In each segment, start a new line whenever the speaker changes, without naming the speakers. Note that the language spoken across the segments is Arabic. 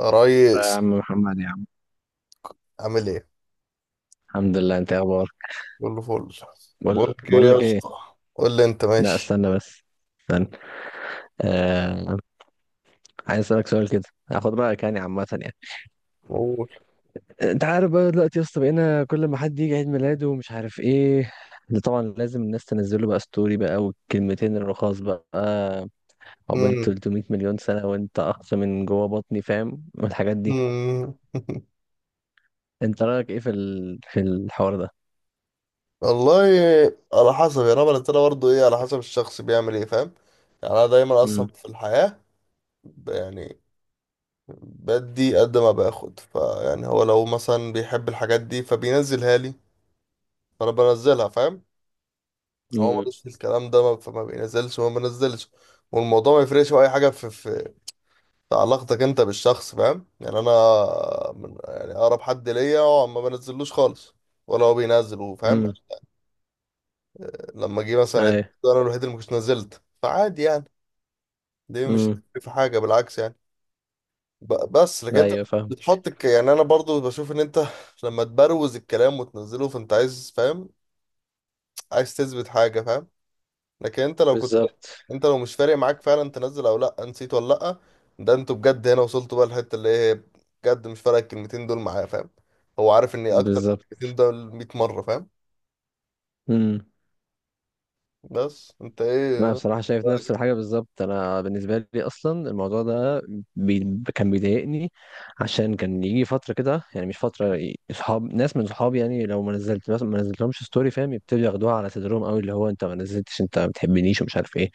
يا
آه يا عم
ريس،
محمد يا عم.
عامل ايه؟
الحمد لله، انت ايه اخبارك؟
كله فل. بقول
بقول
لك ايه
بقول
يا
لك ايه.
اسطى. قول لي انت
لا
ماشي.
استنى بس، استنى. آه... عايز اسالك سؤال كده، هاخد رايك يعني عامه يعني.
قول.
انت عارف بقى دلوقتي يا اسطى، بقينا كل ما حد يجي عيد ميلاده ومش عارف ايه، اللي طبعا لازم الناس تنزل له بقى ستوري بقى والكلمتين الرخاص بقى، عقبال
مم.
300 مليون سنه وانت اقصى من جوه بطني فاهم، والحاجات دي.
مم.
انت رايك ايه في الحوار ده؟
والله، على حسب يا رب. انا بلتنا برضه ايه، على حسب الشخص بيعمل ايه، فاهم. يعني انا دايما اصلا
امم.
في الحياة، يعني بدي قد ما باخد، فيعني هو لو مثلا بيحب الحاجات دي فبينزلها لي، فانا بنزلها، فاهم. هو
امم.
ملوش في الكلام ده، فما بينزلش وما بنزلش. والموضوع ما يفرقش في اي حاجة في علاقتك انت بالشخص، فاهم. يعني انا من يعني اقرب حد ليا هو ما بنزلوش خالص ولا هو بينزل، وفاهم.
امم.
لما جه مثلا
ايوه.
انا الوحيد اللي مش نزلت، فعادي يعني. دي مش
امم.
هتفرق في حاجه، بالعكس يعني. بس لكن انت
ايوه، فاهم.
بتحط يعني انا برضو بشوف ان انت لما تبروز الكلام وتنزله فانت عايز، فاهم، عايز تثبت حاجه، فاهم. لكن انت لو كنت،
بالظبط.
انت لو مش فارق معاك فعلا تنزل او لا نسيت ولا لا، ده انتوا بجد هنا وصلتوا بقى الحته اللي هي بجد مش فارق الكلمتين دول معاه، فاهم. هو عارف ان اكتر من
بالظبط.
الكلمتين دول 100 مره، فاهم.
امم
بس انت
انا
ايه
بصراحه شايف نفس
رأيك؟
الحاجه بالظبط. انا بالنسبه لي اصلا الموضوع ده كان بيضايقني، عشان كان يجي فتره كده، يعني مش فتره اصحاب، ناس من صحابي يعني لو ما نزلت مثلا ما نزلتلهمش ستوري فاهم، يبتدوا ياخدوها على صدرهم قوي، اللي هو انت ما نزلتش، انت ما بتحبنيش ومش عارف ايه.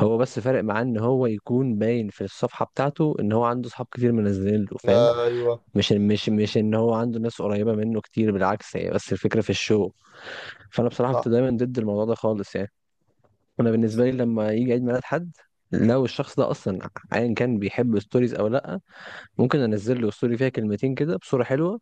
هو بس فارق معاه ان هو يكون باين في الصفحه بتاعته ان هو عنده صحاب كتير منزلين له فاهم،
ايوه
مش ان هو عنده ناس قريبه منه كتير، بالعكس، هي بس الفكره في الشو. فانا بصراحه كنت
صح.
دايما ضد الموضوع ده خالص يعني. انا بالنسبه لي لما يجي عيد ميلاد حد، لو الشخص ده اصلا ايا كان بيحب ستوريز او لا، ممكن انزل له ستوري فيها كلمتين كده بصوره حلوه.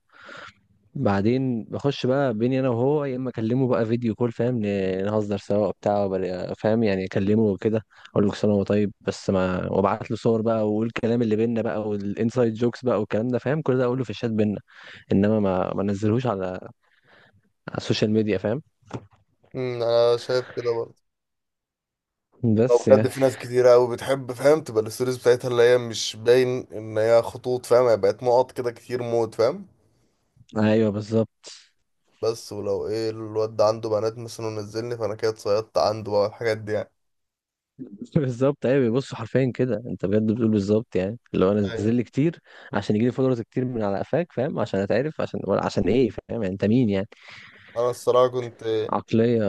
بعدين بخش بقى بيني انا وهو، يا اما اكلمه بقى فيديو كول فاهم، نهزر سوا بتاع، فاهم يعني، اكلمه وكده. اقول له كل سنه وهو طيب، بس ما وابعت له صور بقى واقول الكلام اللي بينا بقى والانسايد جوكس بقى والكلام ده فاهم، كل ده اقول له في الشات بينا. انما ما انزلهوش على على السوشيال ميديا فاهم.
انا شايف كده برضه. لو
بس
بجد
يعني.
في ناس كتيرة قوي بتحب، فاهم، تبقى الستوريز بتاعتها اللي هي مش باين ان هي خطوط، فاهم، هي بقت نقط كده كتير موت، فاهم.
ايوه، بالظبط.
بس ولو ايه، الواد ده عنده بنات مثلا ونزلني، فانا كده اتصيدت عنده بقى الحاجات دي يعني.
بالظبط، ايوه، بيبصوا حرفيا كده. انت بجد بتقول بالظبط. يعني لو انا
ايوه.
نزل لي كتير عشان يجي لي فولورز كتير من على قفاك فاهم، عشان اتعرف، عشان ولا عشان ايه، فاهم يعني انت مين يعني.
انا الصراحه كنت
عقليه.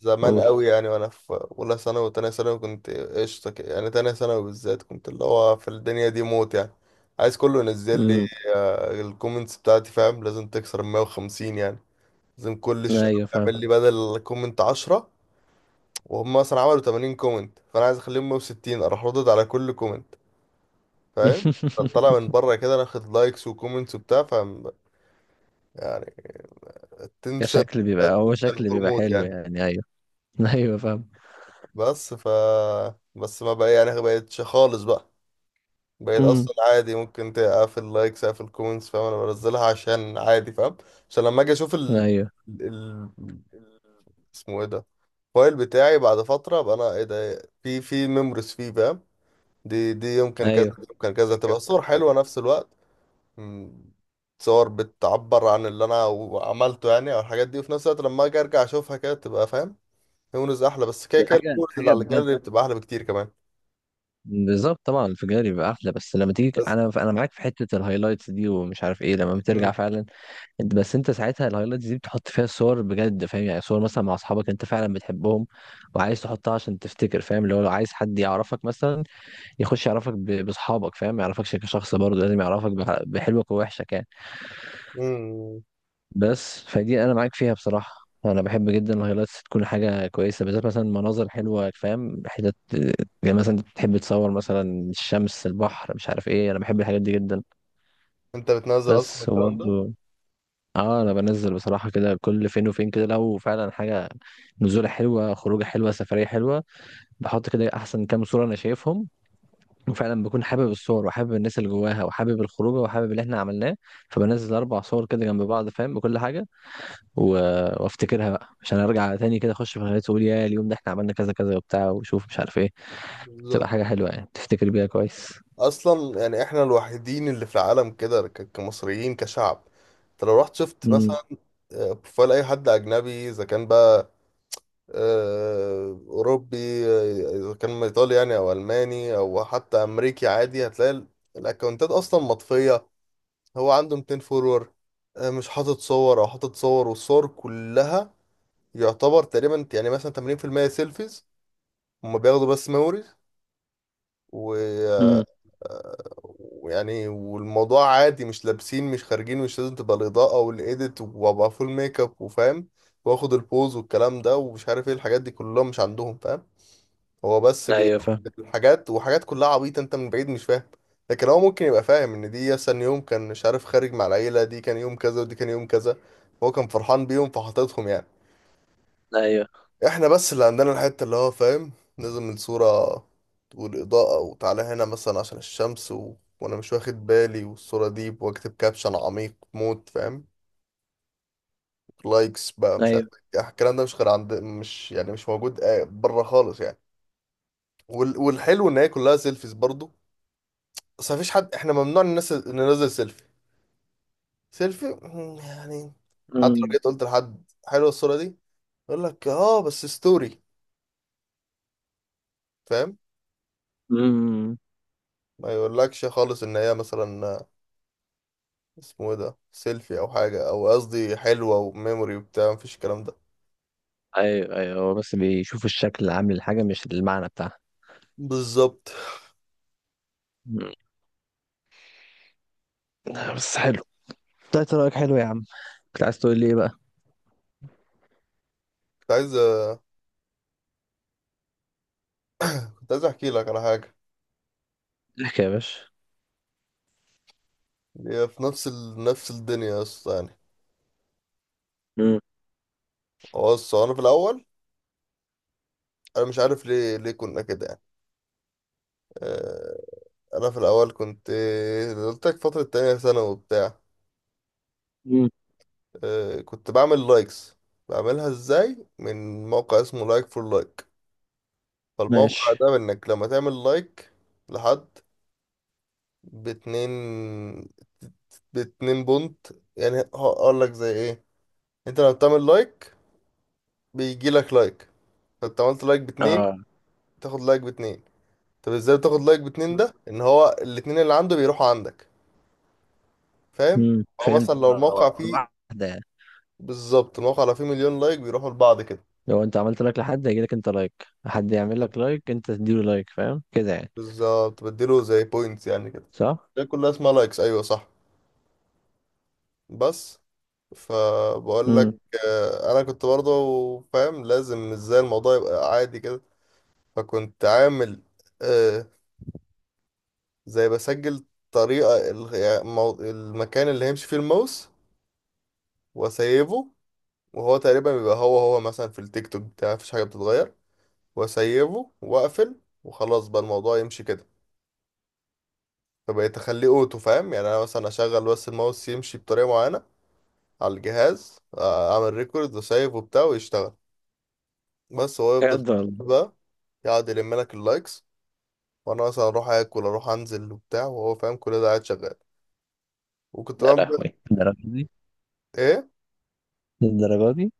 زمان
قول.
قوي يعني، وانا في اولى ثانوي وتانية ثانوي كنت قشطه كده. يعني تانية ثانوي بالذات كنت اللي هو في الدنيا دي موت يعني، عايز كله ينزل لي.
امم.
آه، الكومنتس بتاعتي فاهم لازم تكسر ال 150 يعني. لازم كل
ايوه، فاهم.
يعمل لي بدل كومنت 10، وهم مثلا عملوا 80 كومنت، فانا عايز اخليهم 160، اروح ردد على كل كومنت، فاهم. طلع من بره كده، ناخد لايكس وكومنتس وبتاع، فاهم يعني. التنشن.
كشكل بيبقى، هو
التنشن
شكل بيبقى
هرمون.
حلو يعني، ايوه. ايوه، فاهم.
بس ف بس ما بقى يعني بقتش خالص بقى. بقيت
امم.
اصلا عادي، ممكن تقفل لايكس اقفل كومنتس، فاهم. انا بنزلها عشان عادي، فاهم، عشان لما اجي اشوف
ايوه.
ال... اسمه ايه ده، الفايل بتاعي، بعد فتره ابقى انا ايه ده في ميموريز فيه، فاهم. دي يمكن كذا،
ايوه.
دي يمكن كذا،
كان.
تبقى صور حلوه نفس الوقت. مم، صور بتعبر عن اللي انا عملته يعني او الحاجات دي، وفي نفس الوقت لما اجي ارجع اشوفها كده تبقى، فاهم، ميموريز احلى. بس كده
ده
كده
حاجه
الميموريز اللي
حاجه
على
بجد.
الجاليري بتبقى احلى بكتير كمان.
بالظبط طبعا، الانفجار يبقى احلى. بس لما تيجي،
بس.
انا معاك في حته الهايلايتس دي، ومش عارف ايه، لما بترجع فعلا. انت بس، انت ساعتها الهايلايتس دي بتحط فيها الصور بجد فاهم، يعني صور مثلا مع اصحابك انت فعلا بتحبهم وعايز تحطها عشان تفتكر فاهم، اللي هو لو عايز حد يعرفك مثلا يخش يعرفك باصحابك فاهم، ما يعرفكش كشخص، برضه لازم يعرفك بحلوك ووحشك يعني.
مم.
بس فدي انا معاك فيها بصراحة. انا بحب جدا الهايلايتس تكون حاجة كويسة، بالذات مثلا مناظر حلوة فاهم، حتت يعني مثلا تحب تصور مثلا الشمس، البحر، مش عارف ايه، انا بحب الحاجات دي جدا.
انت بتنزل اصلا
بس
الكلام ده.
وبرضه اه، انا بنزل بصراحه كده كل فين وفين، كده لو فعلا حاجه نزوله حلوه، خروجه حلوه، سفريه حلوه، بحط كده احسن كام صوره انا شايفهم، وفعلا بكون حابب
مم.
الصور وحابب الناس اللي جواها وحابب الخروجه وحابب اللي احنا عملناه. فبنزل اربع صور كده جنب بعض فاهم بكل حاجه، و... وافتكرها بقى عشان ارجع تاني كده، اخش في الهيئات واقول يا اليوم ده احنا عملنا كذا كذا وبتاع، وشوف مش عارف ايه. تبقى
بالظبط.
حاجه حلوه، يعني تفتكر بيها كويس.
اصلا يعني احنا الوحيدين اللي في العالم كده، كمصريين كشعب. انت لو رحت شفت
امم.
مثلا بروفايل اي حد اجنبي، اذا كان بقى اوروبي، اذا كان ايطالي يعني او الماني او حتى امريكي، عادي هتلاقي الاكونتات اصلا مطفيه. هو عنده 200 فولور، مش حاطط صور او حاطط صور، والصور كلها يعتبر تقريبا يعني مثلا 80% سيلفيز. هما بياخدوا بس ميموري و
امم.
آه، ويعني، والموضوع عادي، مش لابسين، مش خارجين، مش لازم تبقى الإضاءة والإيديت وأبقى فول ميك اب وفاهم وآخد البوز والكلام ده ومش عارف إيه، الحاجات دي كلها مش عندهم، فاهم. هو بس بياخد
ايوه، فاهم.
الحاجات، وحاجات كلها عبيطة أنت من بعيد مش فاهم، لكن هو ممكن يبقى فاهم إن دي مثلا يوم كان مش عارف خارج مع العيلة، دي كان يوم كذا ودي كان يوم كذا. هو كان فرحان بيهم فحاططهم يعني.
ايوه.
احنا بس اللي عندنا الحتة اللي هو فاهم لازم الصورة والإضاءة، وتعالى هنا مثلا عشان الشمس و... وأنا مش واخد بالي، والصورة دي وأكتب كابشن عميق موت، فاهم، لايكس بقى مش عارف
ايوه.
إيه. يعني الكلام ده مش غير عند، مش يعني مش موجود بره خالص يعني. وال... والحلو إن هي كلها سيلفيز برضو. بس مفيش حد، احنا ممنوع الناس ننزل سيلفي. سيلفي، مم، يعني حتى لو
امم.
جيت قلت لحد حلوة الصورة دي، يقول لك اه بس ستوري، فاهم.
امم.
ما يقولكش خالص ان هي مثلا اسمه ايه ده سيلفي او حاجه، او قصدي حلوه وميموري وبتاع، مفيش الكلام ده.
ايوه. ايوه، هو بس بيشوف الشكل العام للحاجة مش المعنى بتاعها.
بالظبط.
مم. بس حلو، طلعت رأيك حلو يا عم. كنت عايز تقول لي ايه بقى؟
كنت عايز، كنت عايز احكي لك على حاجه،
احكي يا باشا.
هي في نفس ال... نفس الدنيا يا اسطى يعني.
مم.
هو بص، هو انا في الاول، انا مش عارف ليه كنا كده يعني. آه، انا في الاول كنت، آه، قلت لك فتره تانية ثانوي وبتاع.
مم.
آه، كنت بعمل لايكس، بعملها ازاي من موقع اسمه لايك فور لايك. فالموقع
ماشي.
ده انك لما تعمل لايك لحد باتنين، باتنين بونت. يعني هقول لك زي ايه، انت لما بتعمل لايك بيجي لك لايك. فانت عملت لايك باتنين
اه.
تاخد لايك باتنين. طب ازاي بتاخد لايك باتنين؟ ده ان هو الاتنين اللي عنده بيروحوا عندك، فاهم.
مم.
او
فهمت،
مثلا لو الموقع فيه،
واحدة يعني.
بالظبط الموقع لو فيه مليون لايك بيروحوا لبعض كده.
لو انت عملت لايك لحد هيجي لك انت لايك، حد يعمل
طب
لك لايك انت تديله لايك، فاهم كده يعني؟
بالظبط بديله زي بوينتس يعني كده.
صح؟
ده كلها اسمها لايكس، ايوه صح. بس فبقول لك
امم.
انا كنت برضه فاهم لازم ازاي الموضوع يبقى عادي كده. فكنت عامل آه زي بسجل طريقة يعني المكان اللي هيمشي فيه الماوس، واسيبه. وهو تقريبا بيبقى هو هو مثلا في التيك توك بتاعي مفيش حاجة بتتغير. واسيبه واقفل وخلاص بقى الموضوع يمشي كده. فبقيت اخليه اوتو، فاهم. يعني انا مثلا اشغل بس الماوس يمشي بطريقة معينة على الجهاز، اعمل ريكورد وسيف وبتاع ويشتغل. بس هو يفضل
يقدر الله.
بقى يقعد يلم لك اللايكس، وانا مثلا اروح اكل اروح انزل وبتاع وهو فاهم كل ده قاعد شغال. وكنت
يا
بقى.
لهوي الدرجة دي.
ايه.
الدرجة دي.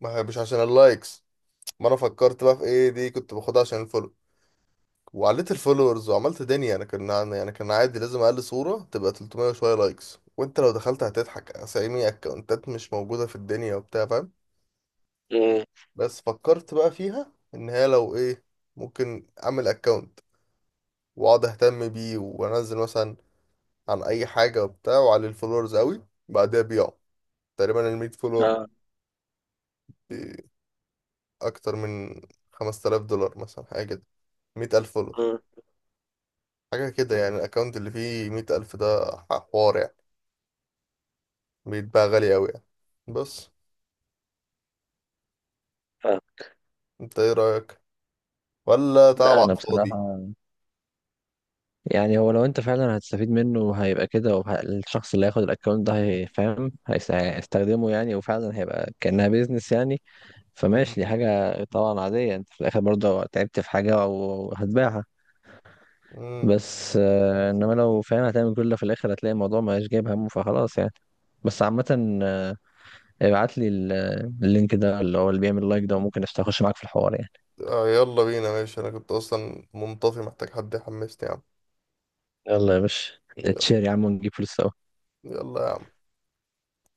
ما هي مش عشان اللايكس. ما انا فكرت بقى في ايه، دي كنت باخدها عشان الفولو. وعليت الفولورز وعملت دنيا، انا كان يعني كان عادي لازم اقل صورة تبقى 300 وشوية لايكس. وانت لو دخلت هتضحك، اسامي اكونتات مش موجودة في الدنيا وبتاع، فاهم.
امم.
بس فكرت بقى فيها ان هي لو ايه، ممكن اعمل اكونت واقعد اهتم بيه وانزل مثلا عن اي حاجة وبتاع، وعلي الفولورز قوي، بعدها بيعه. تقريبا ال 100 فولور،
اه.
ب- اكتر من 5000 دولار مثلا، حاجة كده. 100000 فولور
امم.
حاجة كده يعني. الأكونت اللي فيه 100000 ده حوار يعني، بيتباع غالي أوي يعني. بس
فاهم.
أنت إيه رأيك؟ ولا تعب
لا،
على
انا
الفاضي؟
بصراحة، يعني هو لو انت فعلا هتستفيد منه هيبقى كده، الشخص اللي هياخد الاكونت ده هيفهم هيستخدمه يعني، وفعلا هيبقى كأنها بيزنس يعني. فماشي، دي
مم.
حاجة طبعا عادية، انت في الاخر برضه تعبت في حاجة او هتبيعها.
مم.
بس انما لو فعلا هتعمل كل ده في الاخر هتلاقي الموضوع مبقاش جايب همه، فخلاص يعني. بس عامة، ابعت لي اللينك ده اللي هو اللي بيعمل لايك ده، وممكن اخش معاك في الحوار يعني.
آه، يلا بينا ماشي. أنا كنت أصلا منطفي محتاج حد يحمسني يا عم.
يلا يا باشا،
يلا.
اتشير يا عم ونجيب فلوس سوا.
يلا يا عم.